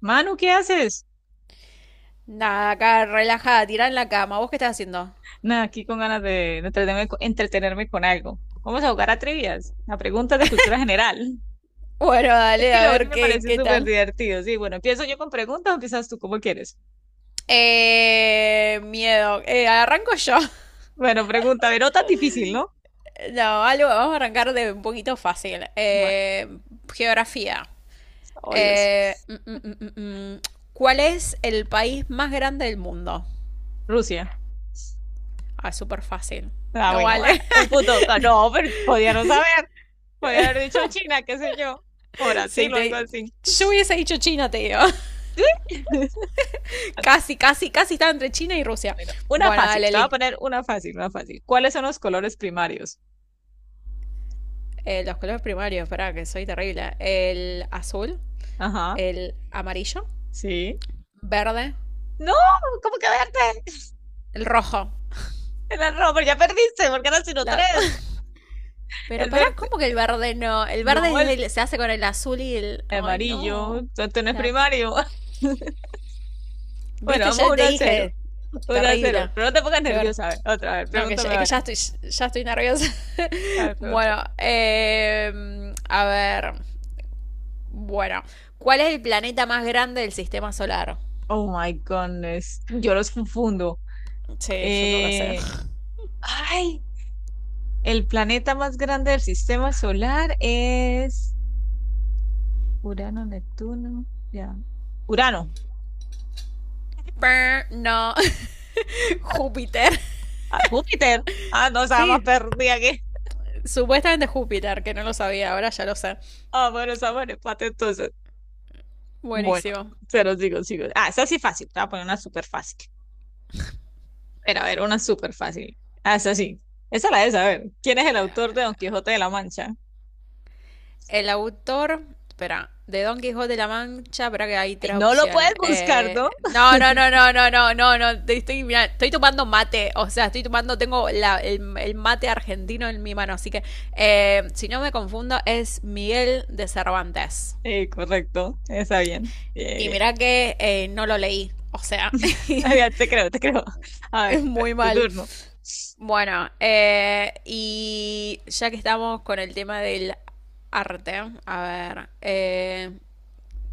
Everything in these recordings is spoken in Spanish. Manu, ¿qué haces? Nada, acá relajada, tirada en la cama. ¿Vos qué estás haciendo? Nada, aquí con ganas de entretenerme, entretenerme con algo. Vamos a jugar a trivias, a preguntas de cultura general. Bueno, Es dale, que a la vez ver me qué, parece qué súper tal. divertido. Sí, bueno, empiezo yo con preguntas o empiezas tú como quieres. Miedo. Arranco yo. Bueno, pregunta, pero no tan difícil, ¿no? No, algo, vamos a arrancar de un poquito fácil. Bueno, Geografía. oh Eh, Dios. mm, mm, mm, mm, mm. ¿Cuál es el país más grande del mundo? Rusia. Ah, súper fácil. Ah, No bueno, ah, vale. un punto. Ah, no, pero podía no saber. Podía haber dicho China, qué sé yo. O Sí, Brasil o algo te... así. Yo hubiese dicho China, te digo. casi, casi, casi estaba entre China y Rusia. Bueno, una Bueno, fácil. dale, Te voy a Liz. poner una fácil, una fácil. ¿Cuáles son los colores primarios? Los colores primarios, espera, que soy terrible. El azul, Ajá, el amarillo, sí. verde, No, ¿cómo que verde? el rojo. El rojo, pero ya perdiste, porque eran sino tres. La- Pero El pará, verde. ¿cómo que el verde no? El No, verde es el el- se hace con el azul y el... Ay, amarillo. no. Entonces no es La- primario. Bueno, Viste, vamos ya te uno a cero, dije. uno a cero. Terrible. Pero no te pongas Qué ver. nerviosa, a ver, otra vez. No, que ya, Pregúntame es que ahora. ya estoy nerviosa. A ver, pregúntame. bueno, a ver. Bueno, ¿cuál es el planeta más grande del sistema solar? Oh my goodness. Yo los confundo. Sí, yo no lo sé. Eh, ay, el planeta más grande del sistema solar es Urano, Neptuno. Ya. Urano. No, Júpiter. Ah, Júpiter. Ah, no, estaba más Sí, perdida. supuestamente Júpiter, que no lo sabía, ahora ya lo sé. Ah, bueno, esa buena empate entonces. Bueno, Buenísimo. se los digo, sigo. Ah, esa sí fácil. Te voy a poner una súper fácil. Pero a ver, una súper fácil. Ah, esa sí. Esa la de saber. ¿Quién es el autor de Don Quijote de la Mancha? El autor, espera, de Don Quijote de la Mancha, espera que hay Ay, tres no lo puedes opciones. buscar, ¿no? No, no, no, no, no, no, no, no. Mira, estoy tomando mate, o sea, estoy tomando, tengo el mate argentino en mi mano, así que si no me confundo, es Miguel de Cervantes. Sí, correcto. Está bien. Bien, Y bien. mira que no lo leí, o sea, Ya te creo, te creo. A es ver, muy tu mal. turno. Bueno, y ya que estamos con el tema del arte, a ver,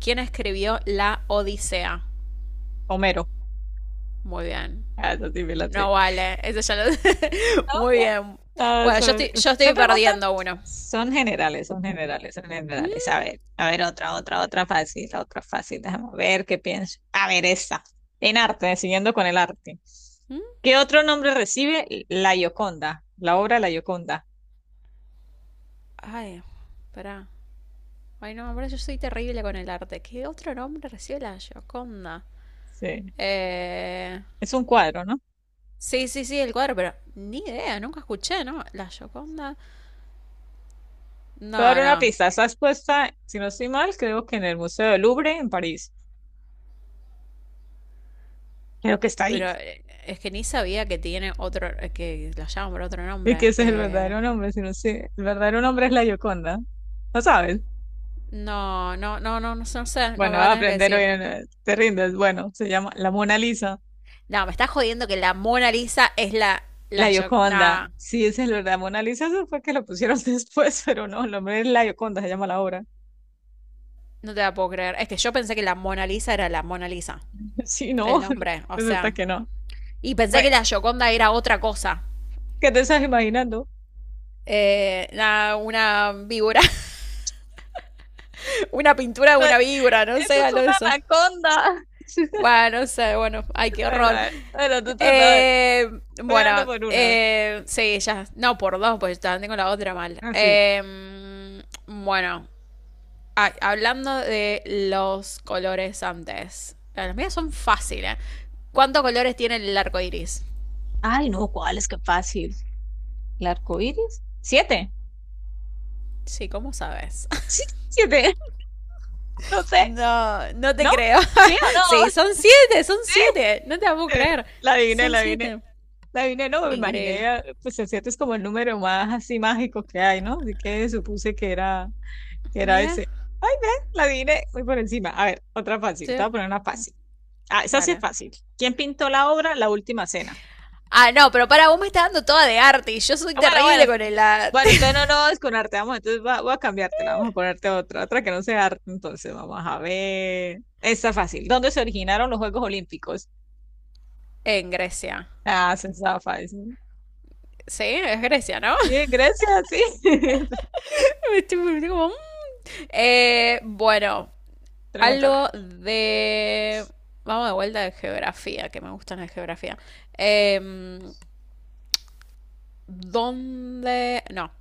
¿quién escribió La Odisea? Homero. Muy bien. Ah, esa sí me la sé. No vale. Eso ya lo... Muy bien. Ah, Bueno, yo son, estoy, yo son estoy preguntas, perdiendo uno. son generales, son generales, son ¿Mm? generales. A ver, otra, otra, otra fácil, otra fácil. Déjame ver qué pienso. A ver, esta. En arte, siguiendo con el arte. Mm. ¿Qué otro nombre recibe La Gioconda? La obra La Gioconda. Ay, pará. Ay, no, ahora yo soy terrible con el arte. ¿Qué otro nombre recibe la Gioconda? Sí, Eh... es un cuadro, ¿no? Sí, sí, sí, el cuadro, pero ni idea, nunca escuché, ¿no? La Gioconda. Te voy a dar No, una no. pista. Está expuesta, si no estoy mal, creo que en el Museo del Louvre, en París. Creo que está ahí. Pero es que ni sabía que tiene otro. Que la llaman por otro Y que nombre. ese es el verdadero nombre, si no sé. El verdadero nombre es La Gioconda. ¿No sabes? No, no, no, no, no, no sé, no Bueno, me va va a a tener que aprender decir. hoy, no te rindes. Bueno, se llama La Mona Lisa, No, me estás jodiendo que la Mona Lisa es la yo- Gioconda. nah, Sí, esa es la verdad, Mona Lisa, eso fue que lo pusieron después, pero no, el nombre es La Gioconda, se llama la obra. no te la puedo creer. Es que yo pensé que la Mona Lisa era la Mona Lisa, Sí, el no, nombre, o resulta sea, que no. y pensé Bueno, que la Gioconda era otra cosa. ¿qué te estás imaginando? Nah, una víbora, una pintura de Eso, una víbora, no eso sé, es algo de una eso. anaconda. Bueno, no sé, bueno, ay, qué Bueno, horror. a ver, bueno, tu turno, a ver, Eh, voy ganando bueno, por una. Sí, ya. No, por dos, pues también tengo la otra mal. Así. Bueno, ah, hablando de los colores antes. Las mías son fáciles. ¿Cuántos colores tiene el arco iris? Ay, no, ¿cuál es que fácil? ¿El arco iris? ¿Siete? Sí, ¿cómo sabes? Sí, siete, no sé, No, no te ¿no? creo. ¿Sí o sí, no? son siete, son siete. No te la puedo Eh, creer. la adiviné, Son la adiviné. siete. La vine, no, me Increíble. imaginé, pues el 7 es como el número más así mágico que hay, ¿no? Así que supuse que era Mira, ese. Ay, ve, la vine muy por encima. A ver, otra fácil, te sí, voy a poner una fácil. Ah, esa sí es dale. fácil. ¿Quién pintó la obra La Última Cena? Ah, no, pero para vos me estás dando toda de arte y yo soy Ah, bueno, bueno, terrible con el arte. bueno, entonces no, no, es con arte vamos, entonces voy a cambiártela, vamos a ponerte otra, otra que no sea arte, entonces vamos a ver. Esta fácil. ¿Dónde se originaron los Juegos Olímpicos? en Grecia. Ah, esa está fácil. Sí, es Grecia, ¿no? Sí, en Grecia, sí. estoy como, mm. Bueno, Pregúntame. algo de... Vamos de vuelta de geografía, que me gusta la geografía. Em, ¿Dónde...? No.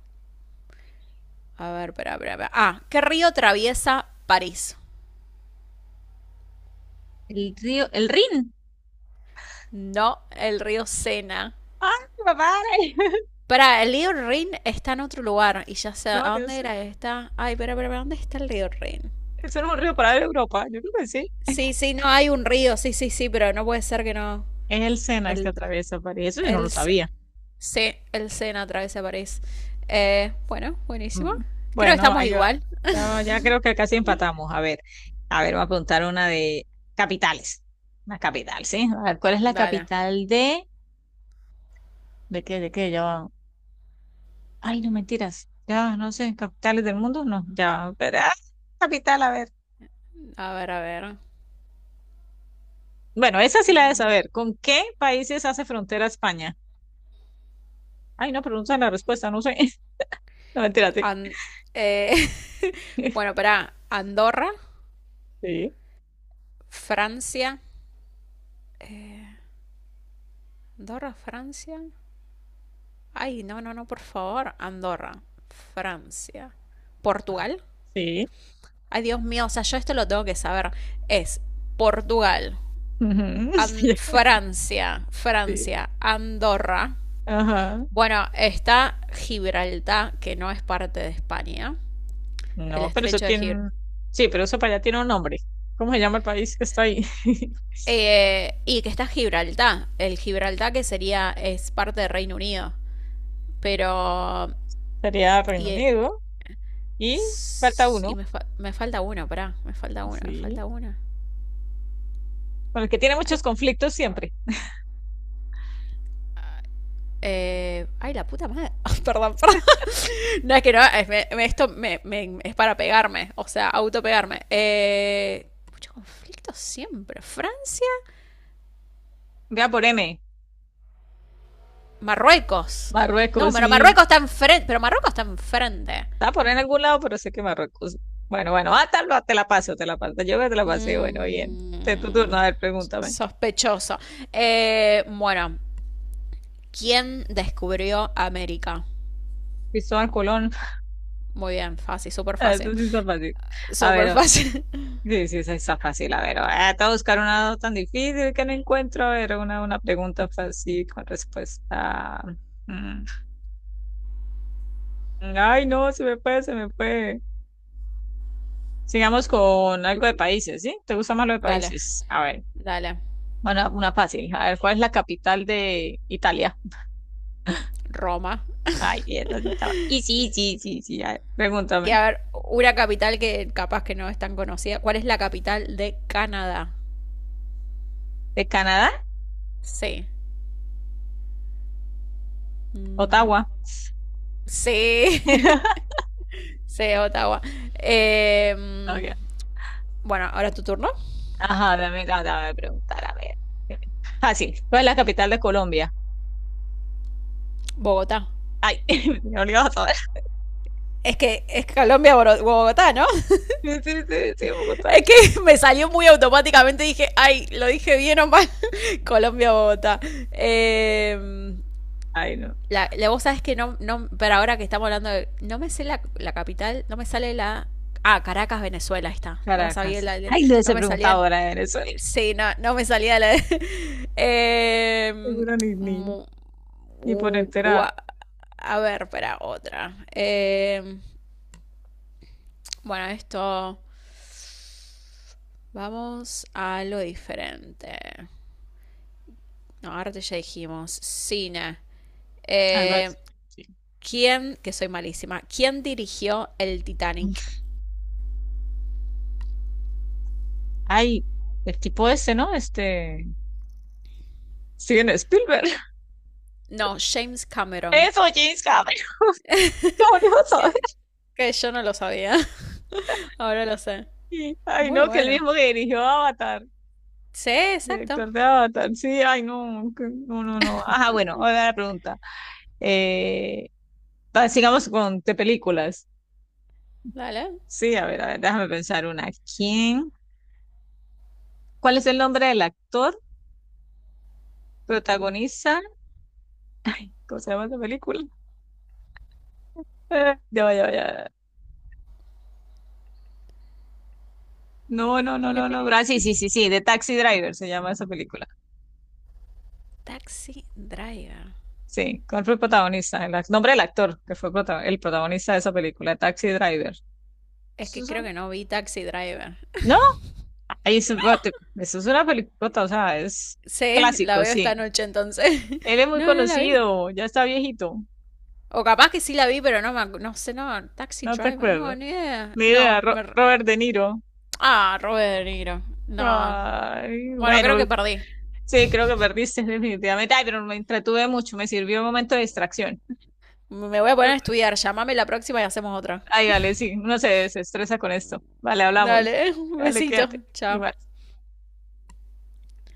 A ver, espera, espera, espera. Ah, ¿qué río atraviesa París? El río, el Rin. No, el río Sena. ¡Ay, papá! Para, el río Rin está en otro lugar. Y ya sé, ¿a No, no dónde sé. era esta? Ay, espera, espera, espera, ¿dónde está el río Rin? Eso no es un río para Europa. Yo creo que sí. Sí, sí, no, hay un río, sí, sí, sí, pero no puede ser que no. Es el Sena el que El, atraviesa París. Eso yo no lo el, sabía. sí, el Sena atraviesa París. Bueno, buenísimo. Mm. Creo que Bueno, estamos ahí va. igual. Ya, ya creo que casi empatamos. A ver, voy a preguntar una de capitales. Una capital, ¿sí? A ver, ¿cuál es la Dale. capital de... ¿De qué? ¿De qué? Ya va. Ay, no mentiras. Ya, no sé, capitales del mundo, no. Ya, pero... ah, capital, a ver. A ver, a ver. Bueno, esa sí la de saber. ¿Con qué países hace frontera España? Ay, no, pregunta la respuesta, no sé. No, mentira, sí. An- eh, bueno, para Andorra, Sí, Francia. Andorra, Francia. Ay, no, no, no, por favor. Andorra, Francia. Portugal. sí. Ay, Dios mío, o sea, yo esto lo tengo que saber. Es Portugal, Ujú, An- sí, Francia, sí, Francia, Andorra. ajá. Bueno, está Gibraltar, que no es parte de España, el No, pero eso estrecho de Gibraltar. tiene. Sí, pero eso para allá tiene un nombre. ¿Cómo se llama el país que está ahí? Y que está Gibraltar, el Gibraltar que sería, es parte de Reino Unido. Pero. Sería Reino Y, Unido. Y falta s- y uno. me, fa- me falta uno, pará, me falta uno, me Sí. falta uno. Con el que tiene Ay, muchos conflictos siempre. Ay, la puta madre. perdón, perdón. No es que no, es- me- me- esto me- me- es para pegarme, o sea, autopegarme. Mucho conflicto siempre. Francia. Vea por M. Marruecos. No, Marruecos, pero sí. Marruecos está enfrente. Pero Marruecos está enfrente. Está por en algún lado, pero sé que Marruecos. Bueno, bueno, ah, tal, ah, te la paso, te la paso. Yo te la pasé. Bueno, bien. Te tu turno. Mm, A ver, pregúntame. sospechoso. Bueno, ¿quién descubrió América? Cristóbal Colón. Muy bien, fácil, súper Eso fácil. sí está fácil. A Súper ver. fácil. Sí, sí, esa está fácil. A ver, voy a buscar una tan difícil que no encuentro. A ver, una pregunta fácil con respuesta. Mm. Ay, no, se me fue, se me fue. Sigamos con algo de países, ¿sí? ¿Te gusta más lo de dale, países? A ver, dale. bueno, una fácil. A ver, ¿cuál es la capital de Italia? Roma. Ay, bien, ¿dónde estaba? Y sí, sí, sí, sí, a ver, Y pregúntame. a ver, una capital que capaz que no es tan conocida. ¿Cuál es la capital de Canadá? ¿De Canadá? Sí. Mm, Ottawa. sí. sí, Ottawa. Eh, mm, Ok. bueno, ahora es tu turno. Ajá, dame preguntar, a ver. Fácil. ¿Cuál es la capital de Colombia? Bogotá. Ay, me olvidó todo. Es que es Colombia, Bogotá, ¿no? Sí, sí, sí, sí, Bogotá. es que me salió muy automáticamente. Dije, ay, lo dije bien o mal. Colombia, Bogotá. Eh, Ay, no. Vos sabés que no, no. Pero ahora que estamos hablando de. No me sé la capital. No me sale la. Ah, Caracas, Venezuela, ahí está. No me sabía Caracas. la. Ay, le No hubiese me preguntado salía. ahora de Venezuela. Sí, no, no me salía la. Eh, Seguro mu- ni por u- entera cua- a ver, espera, otra. Bueno, esto. Vamos a lo diferente. No, ahora ya dijimos cine. algo Eh, así. Sí. ¿Quién, que soy malísima, quién dirigió el Titanic? Ay, el tipo ese, ¿no? Este. Steven Spielberg. No, James Cameron. Eso, James Cameron. ¿Cómo no iba a saber? Que, que yo no lo sabía. ahora lo sé. Ay, Muy no, que el bueno. mismo que dirigió Avatar. Sí, exacto. Director de Avatar. Sí, ay, no. No, no, no. Ajá, bueno, ahora la pregunta. Eh, va, sigamos con de películas. Dale. Sí, a ver, déjame pensar una. ¿Quién? ¿Cuál es el nombre del actor? Protagoniza, ¿cómo se llama esa película? Ya va, ya va, ya va. No, no, no, no, Pipi. no, sí, sí, sí, sí, de Taxi Driver se llama esa película. Taxi Driver. Sí, ¿cuál fue el protagonista? El nombre del actor que fue el protagonista de esa película, Taxi Driver. Es Eso que es creo un- que no vi Taxi Driver. ¿No? Ahí es, eso es una película, o sea, es sí, la clásico, veo sí. esta noche entonces. Él es muy no, no la vi. conocido, ya está viejito, O capaz que sí la vi, pero no me no sé, no, Taxi no te Driver, no, acuerdo. ni idea. Ni No, idea, me Robert De Niro. ah, Robert De Niro. No. Ay, Bueno, creo bueno, que perdí. sí, creo que perdiste definitivamente. Ay, pero me entretuve mucho, me sirvió un momento de distracción. Me voy a poner a estudiar. Llámame la próxima y hacemos otra. Ay, dale, sí, uno se desestresa con esto. Vale, hablamos. Dale, un Dale, besito. quédate. Chao. Igual.